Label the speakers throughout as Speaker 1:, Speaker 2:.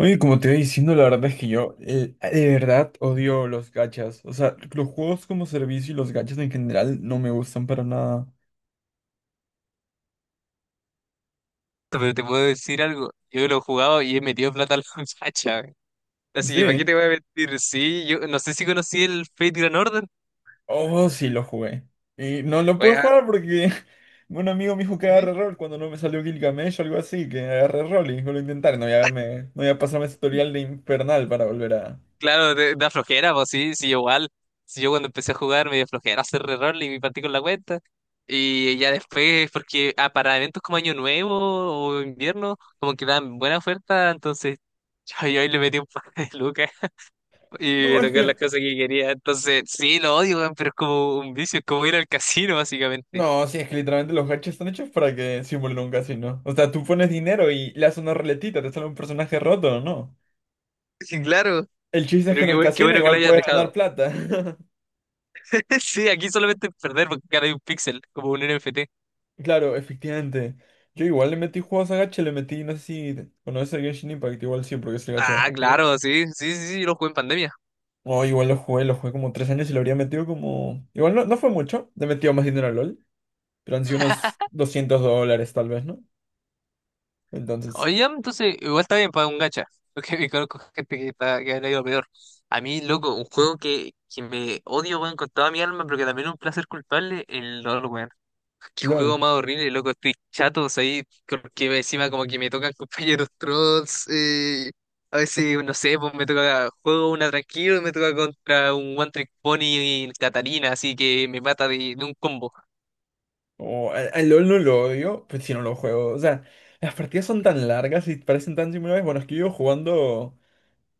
Speaker 1: Oye, como te iba diciendo, la verdad es que yo de verdad odio los gachas. O sea, los juegos como servicio y los gachas en general no me gustan para nada.
Speaker 2: Pero te puedo decir algo. Yo lo he jugado y he metido plata a la muchacha, güey. Así que, ¿para qué
Speaker 1: Sí.
Speaker 2: te voy a mentir? Sí, yo no sé si conocí el Fate Grand Order.
Speaker 1: Oh, sí, lo jugué. Y no lo puedo
Speaker 2: Weón,
Speaker 1: jugar porque un amigo me dijo que agarre
Speaker 2: ¿qué?
Speaker 1: rol cuando no me salió Gilgamesh o algo así, que agarre rol y lo intentaré. No voy a verme, no voy a pasarme ese tutorial de infernal para volver a...
Speaker 2: Claro, da flojera, pues sí, sí, igual. Si yo cuando empecé a jugar me dio flojera hacer reroll y me partí con la cuenta. Y ya después, porque para eventos como Año Nuevo o invierno, como que dan buena oferta, entonces yo ahí le metí un par de lucas y
Speaker 1: No,
Speaker 2: me
Speaker 1: es
Speaker 2: tocaron las
Speaker 1: que...
Speaker 2: cosas que quería. Entonces, sí, lo odio, weón, pero es como un vicio, es como ir al casino, básicamente.
Speaker 1: No, sí, es que literalmente los gachas están hechos para que simulen un casino. O sea, tú pones dinero y le haces una ruletita, te sale un personaje roto, ¿no?
Speaker 2: Sí, claro.
Speaker 1: El chiste es que
Speaker 2: Pero
Speaker 1: en el
Speaker 2: qué
Speaker 1: casino
Speaker 2: bueno que lo
Speaker 1: igual
Speaker 2: hayas
Speaker 1: puedes ganar
Speaker 2: dejado.
Speaker 1: plata.
Speaker 2: Sí, aquí solamente perder porque cada hay un píxel, como un NFT.
Speaker 1: Claro, efectivamente. Yo igual le metí juegos a gacha, le metí, no sé si conoces el Genshin Impact, igual sí, porque es el gacha más
Speaker 2: Ah,
Speaker 1: popular.
Speaker 2: claro, sí, sí, sí, sí, lo jugué en pandemia.
Speaker 1: Oh, igual lo jugué como 3 años y lo habría metido como... Igual no, no fue mucho, le he metido más dinero a LOL, pero han sido unos $200 tal vez, ¿no? Entonces,
Speaker 2: Oye, ya, entonces, igual está bien para un gacha. Porque me conozco gente que le ha ido peor. A mí, loco, un juego que me odio, weón, con toda mi alma, pero que también es un placer culpable, el LOL, weón. Qué
Speaker 1: LOL.
Speaker 2: juego más horrible, loco. Estoy chato, ahí. Porque encima como que me tocan compañeros trolls. A veces, no sé, pues me toca juego una tranquilo y me toca contra un One Trick Pony y Catarina, así que me mata de un combo.
Speaker 1: Oh, al LOL no lo odio, pues si no lo juego. O sea, las partidas son tan largas y parecen tan similares. Bueno, es que yo jugando...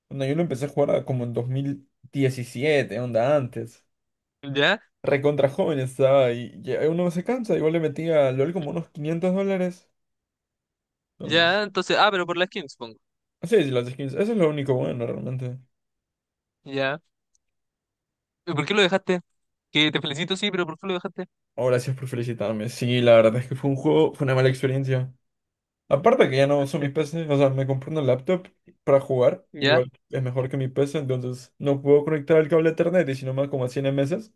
Speaker 1: Cuando yo lo empecé a jugar como en 2017, onda antes.
Speaker 2: ¿Ya?
Speaker 1: Recontra joven estaba y ya uno no se cansa. Igual le metí a LOL como unos $500. Entonces,
Speaker 2: ¿Ya? Entonces, ah, pero por las skins, pongo.
Speaker 1: así sí, las skins. Eso es lo único bueno realmente.
Speaker 2: ¿Ya? ¿Y por qué lo dejaste? Que te felicito, sí, pero ¿por qué lo dejaste?
Speaker 1: Oh, gracias por felicitarme. Sí, la verdad es que fue un juego, fue una mala experiencia. Aparte que ya no uso mi PC, o sea, me compré una laptop para jugar.
Speaker 2: ¿Ya?
Speaker 1: Igual es mejor que mi PC, entonces no puedo conectar el cable a Ethernet y si no me da como a 100 meses.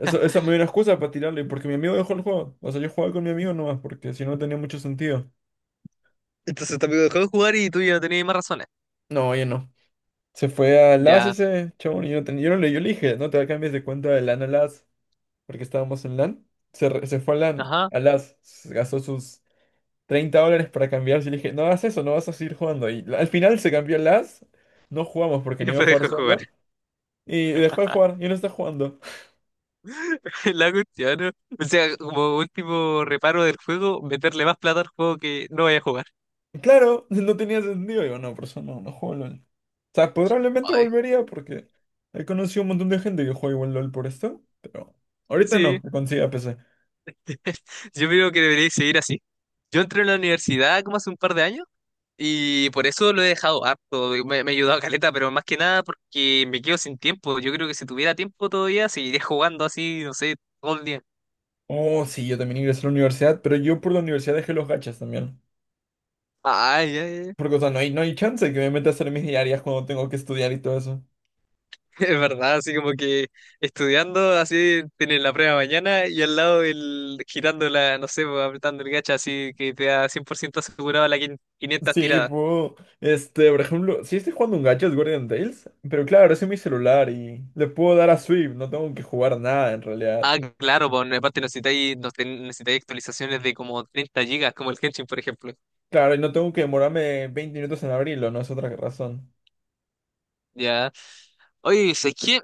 Speaker 1: Eso, esa me dio una excusa para tirarle, porque mi amigo dejó el juego. O sea, yo jugaba con mi amigo nomás, porque si no tenía mucho sentido.
Speaker 2: Entonces tu amigo dejó de jugar y tú ya no tenías más razones.
Speaker 1: No, oye, no. Se fue a LAS
Speaker 2: Ya.
Speaker 1: ese chabón y yo, no ten- yo no le, yo le dije, no te cambies de cuenta de LAN a LAS, porque estábamos en LAN. Se fue a LAN,
Speaker 2: Ajá.
Speaker 1: a LAS, se gastó sus $30 para cambiarse y le dije, no hagas eso, no vas a seguir jugando. Y la- al final se cambió a LAS, no jugamos porque
Speaker 2: Y
Speaker 1: no iba a
Speaker 2: después
Speaker 1: jugar
Speaker 2: dejó de jugar.
Speaker 1: solo y dejó de jugar y no está jugando.
Speaker 2: La cuestión, ¿no? O sea, como último reparo del juego, meterle más plata al juego que no vaya a jugar.
Speaker 1: Claro, no tenía sentido. Digo, no, por eso no, no juego LOL. O sea, probablemente
Speaker 2: Ay,
Speaker 1: volvería porque he conocido un montón de gente que juega igual LOL por esto, pero ahorita
Speaker 2: sí,
Speaker 1: no, que consiga PC.
Speaker 2: yo creo que debería seguir así. Yo entré en la universidad como hace un par de años y por eso lo he dejado harto. Me ha ayudado caleta, pero más que nada porque me quedo sin tiempo. Yo creo que si tuviera tiempo todavía seguiría jugando así, no sé, todo el día.
Speaker 1: Oh, sí, yo también ingresé a la universidad, pero yo por la universidad dejé los gachas también.
Speaker 2: Ay, ay, ay.
Speaker 1: Porque, o sea, no hay chance de que me meta a hacer mis diarias cuando tengo que estudiar y todo eso.
Speaker 2: Es verdad, así como que estudiando, así tienes la prueba mañana y al lado el girando la, no sé, pues, apretando el gacha, así que te da 100% asegurado 500
Speaker 1: Sí,
Speaker 2: tiradas.
Speaker 1: puedo. Este, por ejemplo, si estoy jugando un gacha es Guardian Tales, pero claro, es en mi celular y le puedo dar a Swift, no tengo que jugar nada en realidad.
Speaker 2: Ah, claro, pues en parte necesitáis actualizaciones de como 30 gigas, como el Genshin, por ejemplo.
Speaker 1: Claro, y no tengo que demorarme 20 minutos en abrirlo, no es otra razón.
Speaker 2: Ya. Oye, es que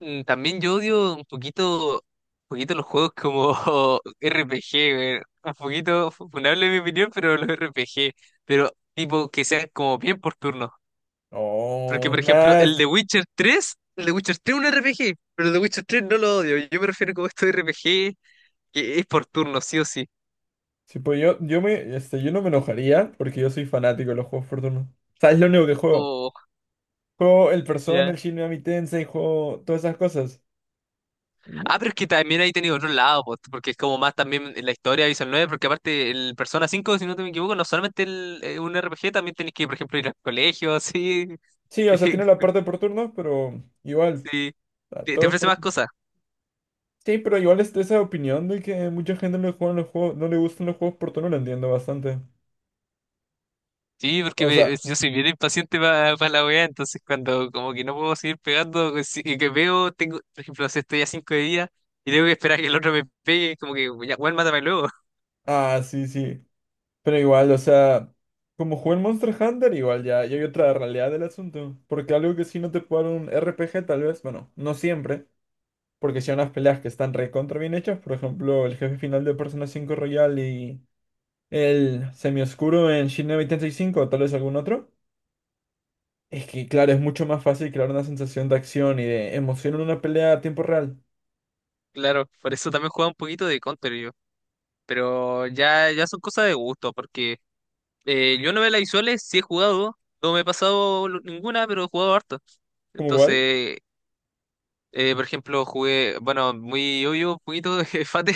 Speaker 2: también yo odio un poquito los juegos como RPG, güey. Un poquito funable en mi opinión, pero los RPG. Pero tipo que sean como bien por turno. Porque,
Speaker 1: Oh,
Speaker 2: por ejemplo,
Speaker 1: nada,
Speaker 2: el de Witcher 3 el de Witcher 3 es un RPG, pero el de Witcher 3 no lo odio. Yo me refiero como esto de RPG, que es por turno, sí o sí.
Speaker 1: sí, pues yo no me enojaría porque yo soy fanático de los juegos por turno. ¿Sabes lo único que juego?
Speaker 2: Oh,
Speaker 1: Juego el Persona,
Speaker 2: ya.
Speaker 1: el Shin Megami Tensei, juego todas esas cosas. Y no.
Speaker 2: Ah, pero es que también ahí tenido otro lado, po, porque es como más también en la historia de Visual 9 porque aparte el Persona 5 si no te me equivoco, no solamente un RPG, también tenés que, por ejemplo, ir al colegio, así.
Speaker 1: Sí, o sea, tiene la parte por turnos, pero igual.
Speaker 2: Sí,
Speaker 1: O sea,
Speaker 2: te
Speaker 1: todo es
Speaker 2: ofrece
Speaker 1: por
Speaker 2: más
Speaker 1: turnos.
Speaker 2: cosas.
Speaker 1: Sí, pero igual está esa opinión de que mucha gente no le juegan los juegos, no le gustan los juegos por turno, lo entiendo bastante.
Speaker 2: Sí, porque
Speaker 1: O sea,
Speaker 2: yo soy bien impaciente para la weá, entonces cuando como que no puedo seguir pegando, que si- que veo, tengo, por ejemplo, no sé, estoy a cinco de día y tengo que esperar a que el otro me pegue, como que ya, weón, mátame luego.
Speaker 1: ah, sí, sí. Pero igual, o sea, como jugué el Monster Hunter, igual ya, ya hay otra realidad del asunto. Porque algo que sí no te puede dar un RPG, tal vez, bueno, no siempre. Porque si hay unas peleas que están recontra bien hechas, por ejemplo, el jefe final de Persona 5 Royal y. El semioscuro en Shin 85 o tal vez algún otro. Es que, claro, es mucho más fácil crear una sensación de acción y de emoción en una pelea a tiempo real.
Speaker 2: Claro, por eso también jugaba un poquito de Counter yo. Pero ya, ya son cosas de gusto, porque yo novelas visuales sí he jugado, no me he ninguna, pero he jugado harto.
Speaker 1: ¿Como igual?
Speaker 2: Entonces, por ejemplo, jugué, bueno, muy obvio, un poquito de Fate,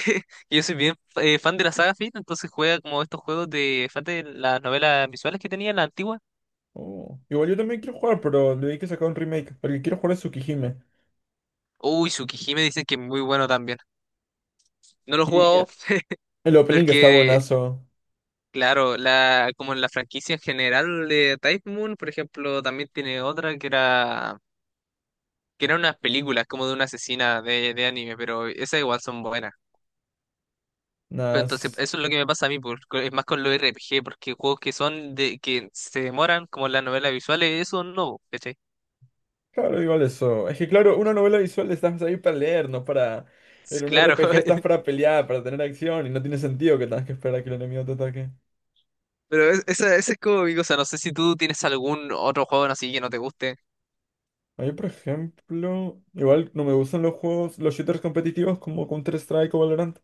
Speaker 2: que yo soy bien fan de la saga Fate, entonces juega como estos juegos de Fate, las novelas visuales que tenía, las antiguas.
Speaker 1: Oh, igual yo también quiero jugar, pero le di que sacar un remake. El que quiero jugar es Tsukihime.
Speaker 2: Uy, Tsukihime dicen que es muy bueno también. No lo he
Speaker 1: Y
Speaker 2: jugado
Speaker 1: el opening está
Speaker 2: porque,
Speaker 1: buenazo.
Speaker 2: claro, la, como en la franquicia en general de Type Moon, por ejemplo, también tiene otra que eran unas películas como de una asesina de anime, pero esas igual son buenas. Pero entonces,
Speaker 1: Nas.
Speaker 2: eso es lo que me pasa a mí, es más con los RPG, porque juegos que son de que se demoran, como las novelas visuales, eso no, ¿cachai?
Speaker 1: Claro, igual eso. Es que, claro, una novela visual estás ahí para leer, no para. En un
Speaker 2: Claro,
Speaker 1: RPG estás para pelear, para tener acción, y no tiene sentido que tengas que esperar a que el enemigo te ataque.
Speaker 2: pero esa, esa es como mi cosa. No sé si tú tienes algún otro juego así que no te guste.
Speaker 1: A mí, por ejemplo, igual no me gustan los juegos, los shooters competitivos como Counter-Strike o Valorant.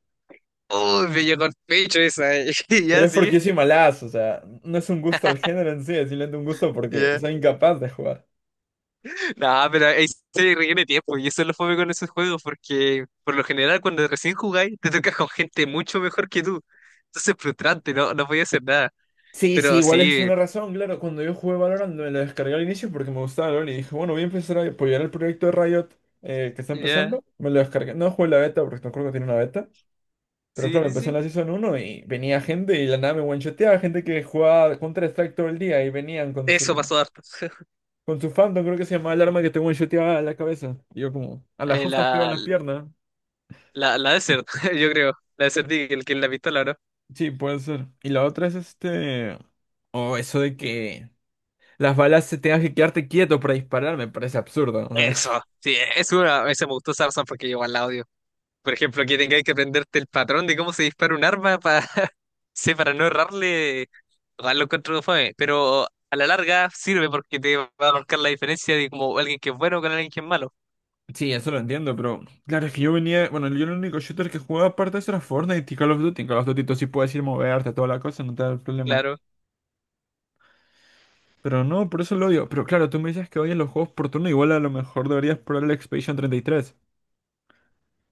Speaker 2: Uy, me llegó el pecho esa, eh. Ya,
Speaker 1: Pero es porque
Speaker 2: sí.
Speaker 1: yo soy malazo, o sea, no es un gusto al género en sí, es simplemente un gusto porque
Speaker 2: Ya.
Speaker 1: soy incapaz de jugar.
Speaker 2: No, pero ahí se requiere tiempo, y eso es lo fome con esos juegos, porque por lo general, cuando recién jugáis, te tocas con gente mucho mejor que tú. Entonces es frustrante, no, no podía hacer nada.
Speaker 1: Sí, sí,
Speaker 2: Pero
Speaker 1: igual esa es
Speaker 2: sí,
Speaker 1: una razón, claro. Cuando yo jugué Valorant me lo descargué al inicio porque me gustaba LoL y dije, bueno, voy a empezar a apoyar el proyecto de Riot que está
Speaker 2: ya.
Speaker 1: empezando. Me lo descargué. No jugué la beta porque no creo que tiene una beta. Pero
Speaker 2: Sí,
Speaker 1: claro,
Speaker 2: sí,
Speaker 1: empecé en
Speaker 2: sí.
Speaker 1: la Season 1 y venía gente y de la nada me one gente que jugaba Counter-Strike todo el día y venían con
Speaker 2: Eso
Speaker 1: su.
Speaker 2: pasó harto.
Speaker 1: Con su fandom, creo que se llamaba el arma que te shoteaba a la cabeza. Y yo como, a las
Speaker 2: Eh,
Speaker 1: justas pego en
Speaker 2: la,
Speaker 1: la pierna.
Speaker 2: la Desert, yo creo. La Desert Eagle, que es la pistola, ¿no?
Speaker 1: Sí, puede ser. Y la otra es este... O eso de que las balas se tengas que quedarte quieto para disparar, me parece absurdo. O sea,
Speaker 2: Eso. Sí, es una. Esa me gustó sarson porque yo al audio. Por ejemplo, que tengáis que aprenderte el patrón de cómo se dispara un arma para sí, para no errarle. Igual lo encuentro fome. Pero a la larga sirve porque te va a marcar la diferencia de como alguien que es bueno con alguien que es malo.
Speaker 1: sí, eso lo entiendo, pero... Claro, es que yo venía... Bueno, yo el único shooter que jugaba aparte de eso era Fortnite y Call of Duty. En Call of Duty tú sí puedes ir moverte, toda la cosa, no te da problema.
Speaker 2: Claro.
Speaker 1: Pero no, por eso lo odio. Pero claro, tú me dices que odias los juegos por turno, igual a lo mejor deberías probar el Expedition 33.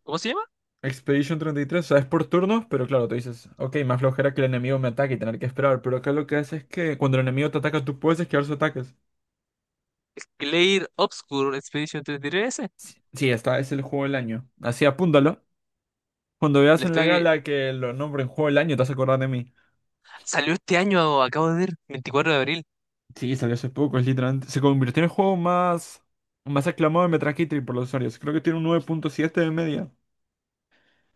Speaker 2: ¿Cómo se llama?
Speaker 1: Expedition 33, sabes por turnos, pero claro, tú dices, ok, más flojera que el enemigo me ataque y tener que esperar. Pero acá lo que hace es que cuando el enemigo te ataca, tú puedes esquivar sus ataques.
Speaker 2: Clair Obscure Expedition 33S.
Speaker 1: Sí, sí, esta es el juego del año. Así apúntalo. Cuando
Speaker 2: Le
Speaker 1: veas en la
Speaker 2: estoy.
Speaker 1: gala que lo nombren juego del año, te vas a acordar de mí.
Speaker 2: Salió este año, acabo de ver, 24 de abril.
Speaker 1: Sí, salió hace poco, es literalmente. Se convirtió en el juego más aclamado de Metacritic por los usuarios. Creo que tiene un 9,7 de media.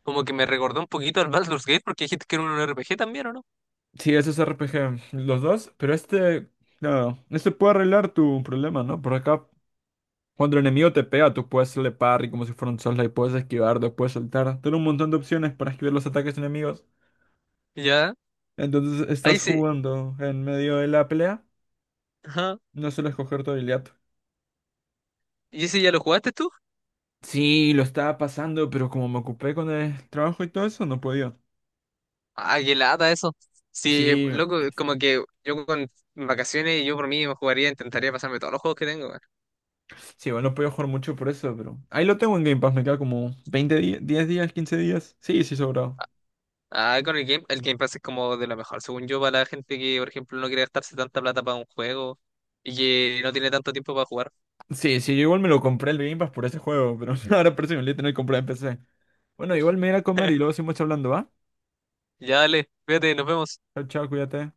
Speaker 2: Como que me recordó un poquito al Baldur's Gate porque dijiste que era un RPG también, ¿o no?
Speaker 1: Sí, ese es RPG, los dos, pero este. Claro, este puede arreglar tu problema, ¿no? Por acá. Cuando el enemigo te pega, tú puedes hacerle parry como si fuera un Soulslike, puedes esquivar, después saltar. Tienes un montón de opciones para esquivar los ataques enemigos.
Speaker 2: Ya,
Speaker 1: Entonces
Speaker 2: ahí
Speaker 1: estás
Speaker 2: sí.
Speaker 1: jugando en medio de la pelea,
Speaker 2: Ajá.
Speaker 1: no suelo escoger tu habilidad.
Speaker 2: ¿Y ese ya lo jugaste tú?
Speaker 1: Sí, lo estaba pasando, pero como me ocupé con el trabajo y todo eso, no podía.
Speaker 2: Ah, qué lata eso. Sí,
Speaker 1: Sí,
Speaker 2: loco, como que yo con vacaciones, yo por mí me jugaría, intentaría pasarme todos los juegos que tengo, weón.
Speaker 1: sí, bueno, no podía jugar mucho por eso, pero ahí lo tengo en Game Pass, me queda como 20 días, 10 días, 15 días. Sí, sí, sobrado.
Speaker 2: Ah, con el Game Pass es como de lo mejor, según yo, para la gente que, por ejemplo, no quiere gastarse tanta plata para un juego y que no tiene tanto tiempo para jugar.
Speaker 1: Sí, sí, yo igual me lo compré el Game Pass por ese juego, pero ahora parece que me lo voy a tener que comprar en PC. Bueno, igual me iré a comer y luego seguimos hablando, ¿va?
Speaker 2: Ya, dale, fíjate, nos vemos.
Speaker 1: Chao, chao, cuídate.